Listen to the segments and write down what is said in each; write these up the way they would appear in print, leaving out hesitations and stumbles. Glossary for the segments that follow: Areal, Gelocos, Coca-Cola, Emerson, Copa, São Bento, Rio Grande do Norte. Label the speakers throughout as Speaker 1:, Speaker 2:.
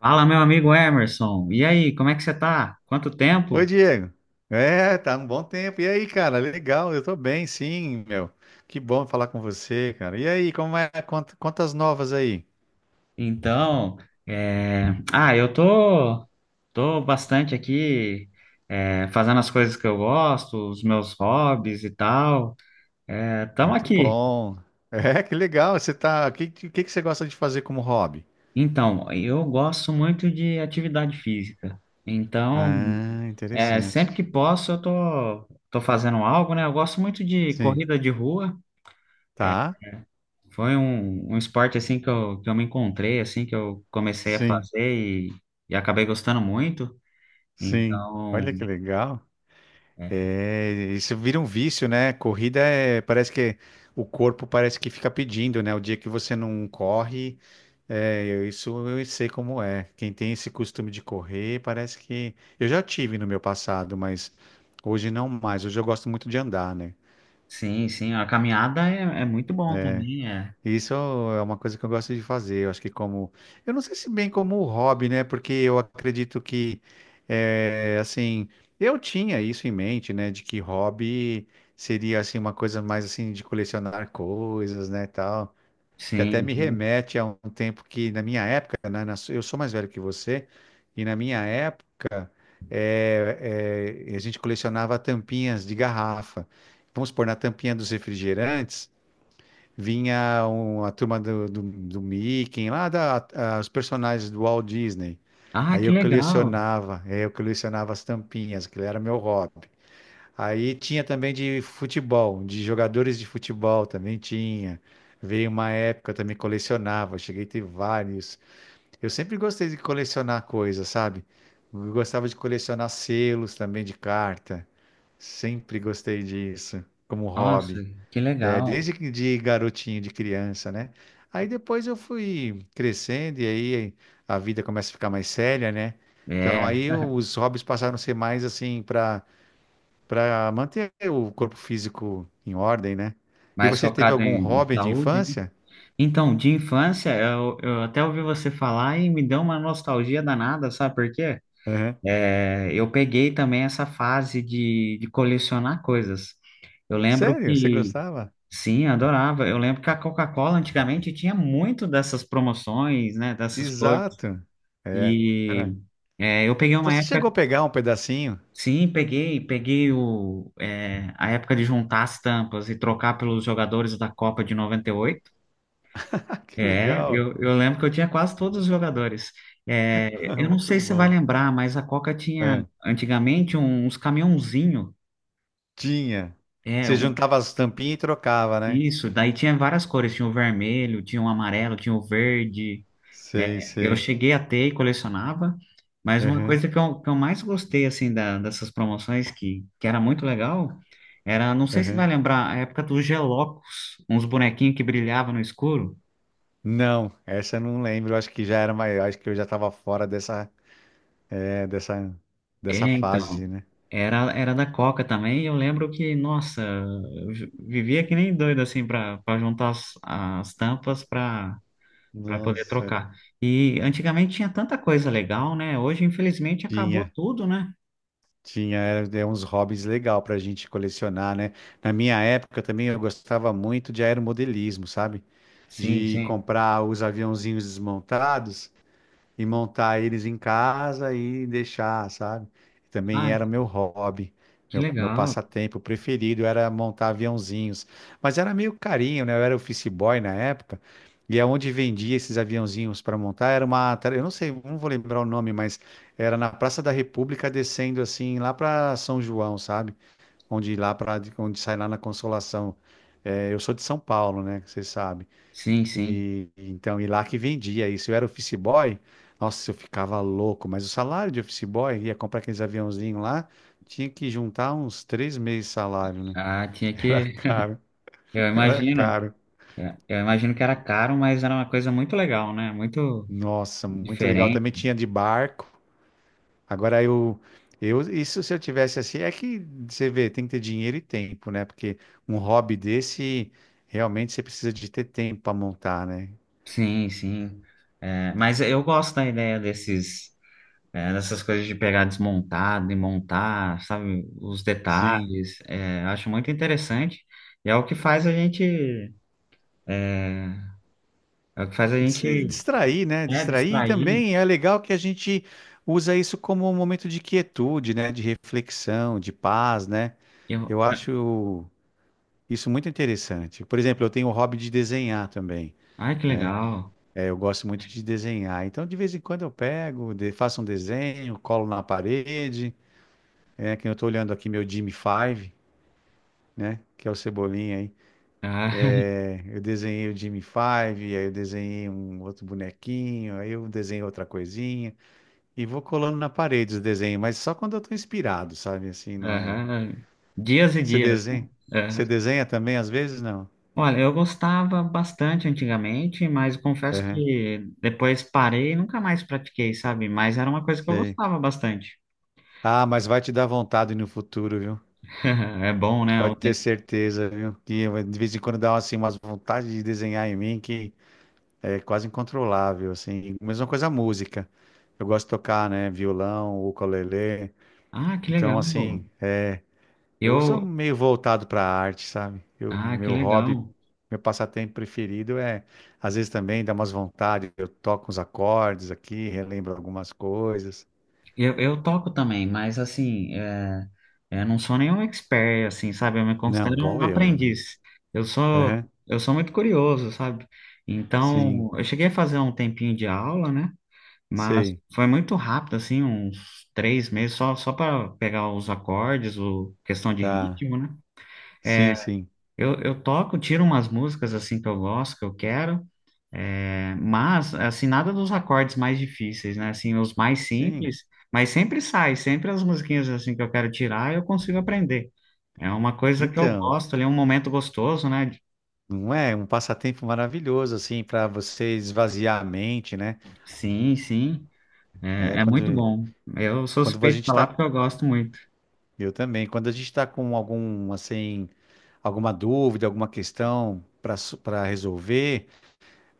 Speaker 1: Fala, meu amigo Emerson. E aí, como é que você tá? Quanto
Speaker 2: Oi,
Speaker 1: tempo?
Speaker 2: Diego. É, tá um bom tempo. E aí, cara? Legal, eu tô bem, sim, meu. Que bom falar com você, cara. E aí, como é? Quantas novas aí?
Speaker 1: Então, é... ah, eu tô bastante aqui, fazendo as coisas que eu gosto, os meus hobbies e tal. É, tamo
Speaker 2: Muito
Speaker 1: aqui.
Speaker 2: bom. É, que legal. Você tá. Que você gosta de fazer como hobby?
Speaker 1: Então, eu gosto muito de atividade física. Então,
Speaker 2: Ah, interessante.
Speaker 1: sempre que posso, eu tô fazendo algo, né? Eu gosto muito de
Speaker 2: Sim.
Speaker 1: corrida de rua.
Speaker 2: Tá?
Speaker 1: Foi um esporte assim que eu me encontrei, assim, que eu comecei a
Speaker 2: Sim,
Speaker 1: fazer e, e acabei gostando muito.
Speaker 2: sim.
Speaker 1: Então,
Speaker 2: Olha que legal.
Speaker 1: é,
Speaker 2: É, isso vira um vício, né? Corrida é, parece que o corpo parece que fica pedindo, né? O dia que você não corre. É, isso eu sei como é. Quem tem esse costume de correr, parece que. Eu já tive no meu passado, mas hoje não mais. Hoje eu gosto muito de andar, né?
Speaker 1: sim, sim, a caminhada é muito bom também, é.
Speaker 2: Isso é uma coisa que eu gosto de fazer. Eu acho que como. Eu não sei se bem como um hobby, né? Porque eu acredito que, assim, eu tinha isso em mente, né? De que hobby seria, assim, uma coisa mais, assim, de colecionar coisas, né? Tal. Que até
Speaker 1: Sim,
Speaker 2: me
Speaker 1: sim.
Speaker 2: remete a um tempo que, na minha época, né, eu sou mais velho que você, e na minha época, a gente colecionava tampinhas de garrafa. Vamos supor, na tampinha dos refrigerantes, a turma do Mickey, lá da, os personagens do Walt Disney.
Speaker 1: Ah,
Speaker 2: Aí
Speaker 1: que
Speaker 2: eu
Speaker 1: legal!
Speaker 2: colecionava, aí eu colecionava as tampinhas, aquilo era meu hobby. Aí tinha também de futebol, de jogadores de futebol também tinha. Veio uma época, eu também colecionava, cheguei a ter vários. Eu sempre gostei de colecionar coisas, sabe? Eu gostava de colecionar selos também de carta. Sempre gostei disso, como
Speaker 1: Nossa,
Speaker 2: hobby.
Speaker 1: que
Speaker 2: É,
Speaker 1: legal!
Speaker 2: de garotinho, de criança, né? Aí depois eu fui crescendo e aí a vida começa a ficar mais séria, né? Então
Speaker 1: É,
Speaker 2: aí os hobbies passaram a ser mais assim para manter o corpo físico em ordem, né? E
Speaker 1: mais
Speaker 2: você teve
Speaker 1: focado
Speaker 2: algum
Speaker 1: em
Speaker 2: hobby de
Speaker 1: saúde, né?
Speaker 2: infância?
Speaker 1: Então, de infância, eu até ouvi você falar e me deu uma nostalgia danada, sabe por quê?
Speaker 2: Aham.
Speaker 1: É, eu peguei também essa fase de colecionar coisas. Eu lembro
Speaker 2: Sério? Você
Speaker 1: que,
Speaker 2: gostava?
Speaker 1: sim, adorava. Eu lembro que a Coca-Cola antigamente tinha muito dessas promoções, né, dessas coisas.
Speaker 2: Exato. É,
Speaker 1: E
Speaker 2: era.
Speaker 1: eu peguei
Speaker 2: Então
Speaker 1: uma
Speaker 2: você chegou
Speaker 1: época,
Speaker 2: a pegar um pedacinho?
Speaker 1: sim, peguei a época de juntar as tampas e trocar pelos jogadores da Copa de noventa e oito.
Speaker 2: Ah, que
Speaker 1: É,
Speaker 2: legal.
Speaker 1: eu lembro que eu tinha quase todos os jogadores. É, eu não
Speaker 2: Muito
Speaker 1: sei se você vai
Speaker 2: bom.
Speaker 1: lembrar, mas a Coca tinha
Speaker 2: É.
Speaker 1: antigamente uns caminhãozinhos.
Speaker 2: Tinha.
Speaker 1: É,
Speaker 2: Você
Speaker 1: o-
Speaker 2: juntava as tampinhas e trocava, né?
Speaker 1: isso. Daí tinha várias cores. Tinha o vermelho, tinha o amarelo, tinha o verde.
Speaker 2: Sei,
Speaker 1: É, eu
Speaker 2: sei.
Speaker 1: cheguei a ter e colecionava. Mas uma
Speaker 2: Aham,
Speaker 1: coisa que eu mais gostei, assim, dessas promoções, que era muito legal, era, não sei se vai
Speaker 2: aham.
Speaker 1: lembrar, a época dos Gelocos, uns bonequinhos que brilhavam no escuro.
Speaker 2: Não, essa eu não lembro. Eu acho que já era maior. Acho que eu já estava fora dessa, é, dessa,
Speaker 1: É,
Speaker 2: dessa
Speaker 1: então,
Speaker 2: fase, né?
Speaker 1: era da Coca também, e eu lembro que, nossa, vivia que nem doido, assim, para juntar as tampas para poder
Speaker 2: Nossa,
Speaker 1: trocar. E antigamente tinha tanta coisa legal, né? Hoje, infelizmente, acabou
Speaker 2: tinha.
Speaker 1: tudo, né?
Speaker 2: Tinha, era, era uns hobbies legal pra gente colecionar, né? Na minha época também eu gostava muito de aeromodelismo, sabe?
Speaker 1: Sim,
Speaker 2: De
Speaker 1: sim.
Speaker 2: comprar os aviãozinhos desmontados e montar eles em casa e deixar, sabe? Também
Speaker 1: Ah,
Speaker 2: era meu hobby,
Speaker 1: que
Speaker 2: meu
Speaker 1: legal.
Speaker 2: passatempo preferido era montar aviãozinhos. Mas era meio carinho, né? Eu era office boy na época, e aonde vendia esses aviãozinhos para montar era uma, eu não sei, não vou lembrar o nome, mas era na Praça da República descendo assim lá para São João, sabe? Onde lá para onde sai lá na Consolação. É, eu sou de São Paulo, né? Você sabe.
Speaker 1: Sim, sim.
Speaker 2: E então, e lá que vendia isso. Eu era office boy, nossa, eu ficava louco, mas o salário de office boy, ia comprar aqueles aviãozinhos lá, tinha que juntar uns 3 meses de salário, né?
Speaker 1: Ah, tinha
Speaker 2: Era
Speaker 1: que.
Speaker 2: caro,
Speaker 1: Eu
Speaker 2: era
Speaker 1: imagino.
Speaker 2: caro.
Speaker 1: Eu imagino que era caro, mas era uma coisa muito legal, né? Muito
Speaker 2: Nossa, muito legal.
Speaker 1: diferente.
Speaker 2: Também tinha de barco. Agora isso se eu tivesse assim, é que você vê, tem que ter dinheiro e tempo, né? Porque um hobby desse, realmente você precisa de ter tempo para montar, né?
Speaker 1: Sim, sim. É, mas eu gosto da ideia dessas coisas de pegar desmontado e montar, sabe? Os
Speaker 2: Sim.
Speaker 1: detalhes. É, eu acho muito interessante. E é o que faz a gente, é é o que faz a gente
Speaker 2: Distrair, né?
Speaker 1: É,
Speaker 2: Distrair e
Speaker 1: distrair.
Speaker 2: também é legal que a gente usa isso como um momento de quietude, né? De reflexão, de paz, né?
Speaker 1: Eu...
Speaker 2: Eu acho isso muito interessante. Por exemplo, eu tenho o hobby de desenhar também.
Speaker 1: Ai, que legal.
Speaker 2: É, eu gosto muito de desenhar. Então, de vez em quando eu pego, faço um desenho, colo na parede. É, que eu estou olhando aqui meu Jimmy Five, né? Que é o Cebolinha aí.
Speaker 1: Ah,
Speaker 2: É, eu desenhei o Jimmy Five, aí eu desenhei um outro bonequinho, aí eu desenhei outra coisinha. E vou colando na parede os desenhos, mas só quando eu tô inspirado, sabe? Assim, não é.
Speaker 1: aham. Dias e
Speaker 2: Você
Speaker 1: dias.
Speaker 2: desenha?
Speaker 1: Aham.
Speaker 2: Você desenha também às vezes? Não.
Speaker 1: Olha, eu gostava bastante antigamente, mas confesso
Speaker 2: Aham,
Speaker 1: que depois parei e nunca mais pratiquei, sabe? Mas era uma coisa que eu
Speaker 2: sei.
Speaker 1: gostava bastante.
Speaker 2: Ah, mas vai te dar vontade no futuro, viu?
Speaker 1: É bom, né?
Speaker 2: Pode ter certeza, viu? Que eu, de vez em quando dá assim, umas vontades de desenhar em mim que é quase incontrolável, assim. Mesma coisa a música. Eu gosto de tocar, né? Violão, ukulele.
Speaker 1: Ah, que legal.
Speaker 2: Então, assim. Eu sou
Speaker 1: Eu.
Speaker 2: meio voltado para a arte, sabe? Eu,
Speaker 1: Ah, que
Speaker 2: meu hobby,
Speaker 1: legal.
Speaker 2: meu passatempo preferido é, às vezes também dá umas vontades, eu toco uns acordes aqui, relembro algumas coisas.
Speaker 1: Eu toco também, mas assim, eu não sou nenhum expert, assim, sabe? Eu me
Speaker 2: Não,
Speaker 1: considero
Speaker 2: igual
Speaker 1: um
Speaker 2: eu, né? Menino?
Speaker 1: aprendiz. Eu sou,
Speaker 2: Aham,
Speaker 1: eu sou muito curioso, sabe?
Speaker 2: sim,
Speaker 1: Então, eu cheguei a fazer um tempinho de aula, né? Mas
Speaker 2: sei,
Speaker 1: foi muito rápido, assim, uns 3 meses, só para pegar os acordes, o questão de
Speaker 2: tá.
Speaker 1: ritmo, né?
Speaker 2: Sim, sim,
Speaker 1: Eu toco, tiro umas músicas, assim, que eu gosto, que eu quero, mas, assim, nada dos acordes mais difíceis, né? Assim, os mais
Speaker 2: sim.
Speaker 1: simples, mas sempre sai, sempre as musiquinhas, assim, que eu quero tirar, eu consigo aprender. É uma coisa que eu
Speaker 2: Então,
Speaker 1: gosto ali, é um momento gostoso, né?
Speaker 2: não é um passatempo maravilhoso, assim, para você esvaziar a mente, né?
Speaker 1: Sim, sim,
Speaker 2: É
Speaker 1: é
Speaker 2: quando,
Speaker 1: muito bom. Eu sou
Speaker 2: quando a
Speaker 1: suspeito de
Speaker 2: gente
Speaker 1: falar
Speaker 2: tá,
Speaker 1: porque eu gosto muito.
Speaker 2: eu também, quando a gente tá com algum, assim, alguma dúvida, alguma questão para resolver,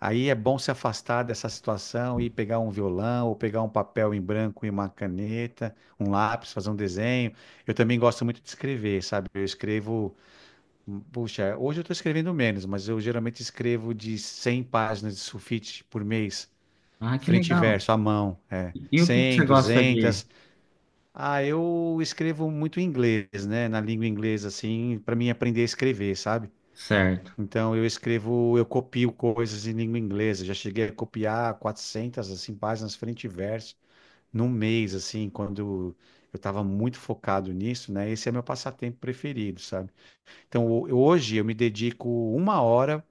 Speaker 2: aí é bom se afastar dessa situação e pegar um violão ou pegar um papel em branco e uma caneta, um lápis, fazer um desenho. Eu também gosto muito de escrever, sabe? Eu escrevo, puxa, hoje eu estou escrevendo menos, mas eu geralmente escrevo de 100 páginas de sulfite por mês,
Speaker 1: Ah, que
Speaker 2: frente e
Speaker 1: legal.
Speaker 2: verso, à mão, é.
Speaker 1: E o que que
Speaker 2: 100,
Speaker 1: você gosta de...
Speaker 2: 200. Ah, eu escrevo muito em inglês, né? Na língua inglesa, assim, para mim aprender a escrever, sabe?
Speaker 1: Certo.
Speaker 2: Então eu escrevo, eu copio coisas em língua inglesa. Já cheguei a copiar 400 assim páginas frente e verso num mês assim, quando eu estava muito focado nisso, né? Esse é meu passatempo preferido, sabe? Então hoje eu me dedico uma hora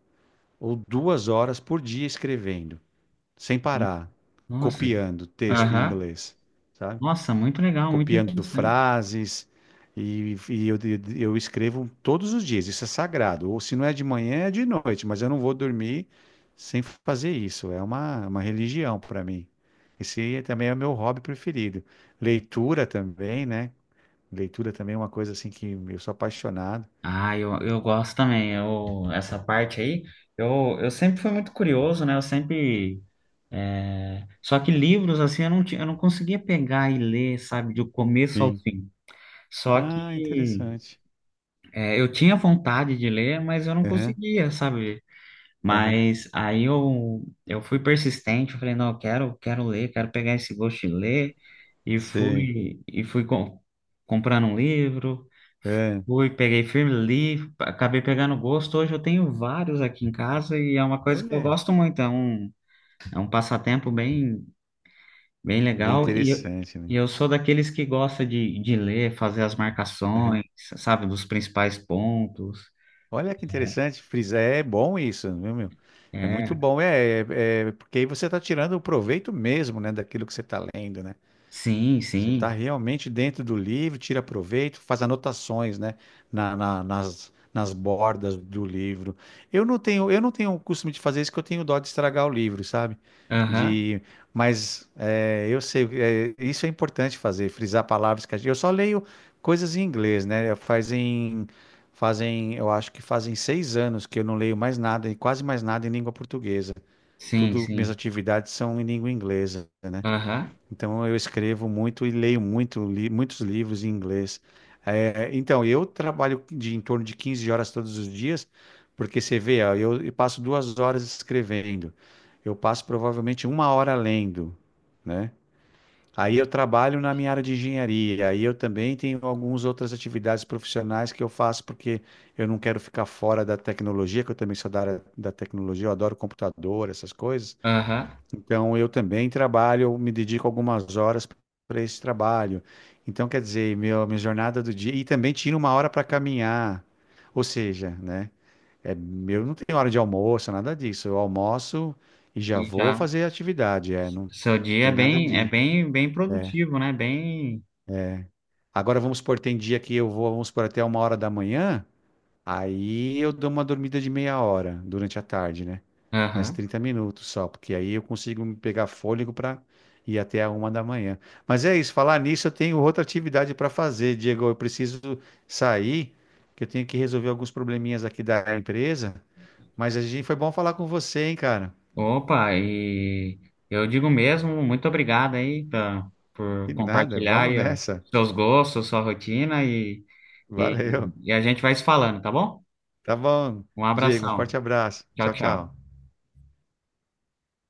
Speaker 2: ou 2 horas por dia escrevendo, sem parar,
Speaker 1: Nossa,
Speaker 2: copiando texto em
Speaker 1: aham.
Speaker 2: inglês, sabe?
Speaker 1: Nossa, muito legal, muito
Speaker 2: Copiando
Speaker 1: interessante.
Speaker 2: frases. E, e eu, eu escrevo todos os dias, isso é sagrado. Ou se não é de manhã, é de noite, mas eu não vou dormir sem fazer isso. É uma religião para mim. Esse também é o meu hobby preferido. Leitura também, né? Leitura também é uma coisa assim que eu sou apaixonado.
Speaker 1: Ah, eu gosto também. Essa parte aí, eu sempre fui muito curioso, né? Eu sempre. Só que livros, assim, eu não conseguia pegar e ler, sabe, do começo ao
Speaker 2: Sim.
Speaker 1: fim. Só
Speaker 2: Ah,
Speaker 1: que
Speaker 2: interessante.
Speaker 1: é, eu tinha vontade de ler, mas eu não
Speaker 2: Aham,
Speaker 1: conseguia, sabe?
Speaker 2: aham.
Speaker 1: Mas aí eu fui persistente, eu falei, não, eu quero, quero ler, quero pegar esse gosto de ler, e
Speaker 2: Sei.
Speaker 1: fui, e fui comprando um livro,
Speaker 2: É.
Speaker 1: fui, peguei firme, li, acabei pegando gosto, hoje eu tenho vários aqui em casa, e é uma coisa que eu
Speaker 2: Olha,
Speaker 1: gosto muito, é um passatempo bem, bem
Speaker 2: bem
Speaker 1: legal, e eu,
Speaker 2: interessante, né?
Speaker 1: e eu sou daqueles que gosta de ler, fazer as
Speaker 2: Aham.
Speaker 1: marcações, sabe, dos principais pontos,
Speaker 2: Olha que interessante, frisar, é bom isso, viu, meu? É muito
Speaker 1: é,
Speaker 2: bom, porque aí você está tirando o proveito mesmo, né, daquilo que você está lendo, né?
Speaker 1: sim,
Speaker 2: Você está
Speaker 1: sim,
Speaker 2: realmente dentro do livro, tira proveito, faz anotações, né, nas bordas do livro. Eu não tenho o costume de fazer isso, que eu tenho dó de estragar o livro, sabe?
Speaker 1: aham,
Speaker 2: De, mas é, eu sei, é, isso é importante fazer, frisar palavras que a gente, eu só leio coisas em inglês, né? Fazem, eu acho que fazem 6 anos que eu não leio mais nada, e quase mais nada em língua portuguesa.
Speaker 1: sim,
Speaker 2: Tudo, minhas
Speaker 1: sim.
Speaker 2: atividades são em língua inglesa, né?
Speaker 1: Aham,
Speaker 2: Então eu escrevo muito e leio muito, muitos livros em inglês. É, então eu trabalho de em torno de 15 horas todos os dias, porque você vê, ó, eu passo 2 horas escrevendo, eu passo provavelmente uma hora lendo, né? Aí eu trabalho na minha área de engenharia, aí eu também tenho algumas outras atividades profissionais que eu faço porque eu não quero ficar fora da tecnologia, que eu também sou da área da tecnologia, eu adoro computador, essas coisas.
Speaker 1: aham.
Speaker 2: Então, eu também trabalho, me dedico algumas horas para esse trabalho. Então, quer dizer, meu, minha jornada do dia. E também tiro uma hora para caminhar. Ou seja, né? É, eu não tenho hora de almoço, nada disso. Eu almoço e já
Speaker 1: E
Speaker 2: vou
Speaker 1: já
Speaker 2: fazer atividade. É, não
Speaker 1: seu dia é
Speaker 2: tem nada
Speaker 1: bem, é
Speaker 2: de.
Speaker 1: bem, bem
Speaker 2: É.
Speaker 1: produtivo, né? Bem.
Speaker 2: Agora, vamos supor, tem dia que eu vou, vamos supor, até uma hora da manhã. Aí eu dou uma dormida de meia hora durante a tarde, né? Mais
Speaker 1: Aham.
Speaker 2: 30 minutos só, porque aí eu consigo me pegar fôlego para ir até a uma da manhã. Mas é isso, falar nisso, eu tenho outra atividade para fazer, Diego. Eu preciso sair, que eu tenho que resolver alguns probleminhas aqui da empresa. Mas a gente foi bom falar com você, hein, cara?
Speaker 1: Opa, e eu digo mesmo, muito obrigado aí tá, por
Speaker 2: E nada,
Speaker 1: compartilhar
Speaker 2: vamos
Speaker 1: aí, ó,
Speaker 2: nessa.
Speaker 1: seus gostos, sua rotina e,
Speaker 2: Valeu.
Speaker 1: e a gente vai se falando, tá bom?
Speaker 2: Tá bom,
Speaker 1: Um
Speaker 2: Diego. Um
Speaker 1: abração.
Speaker 2: forte abraço.
Speaker 1: Tchau,
Speaker 2: Tchau,
Speaker 1: tchau.
Speaker 2: tchau.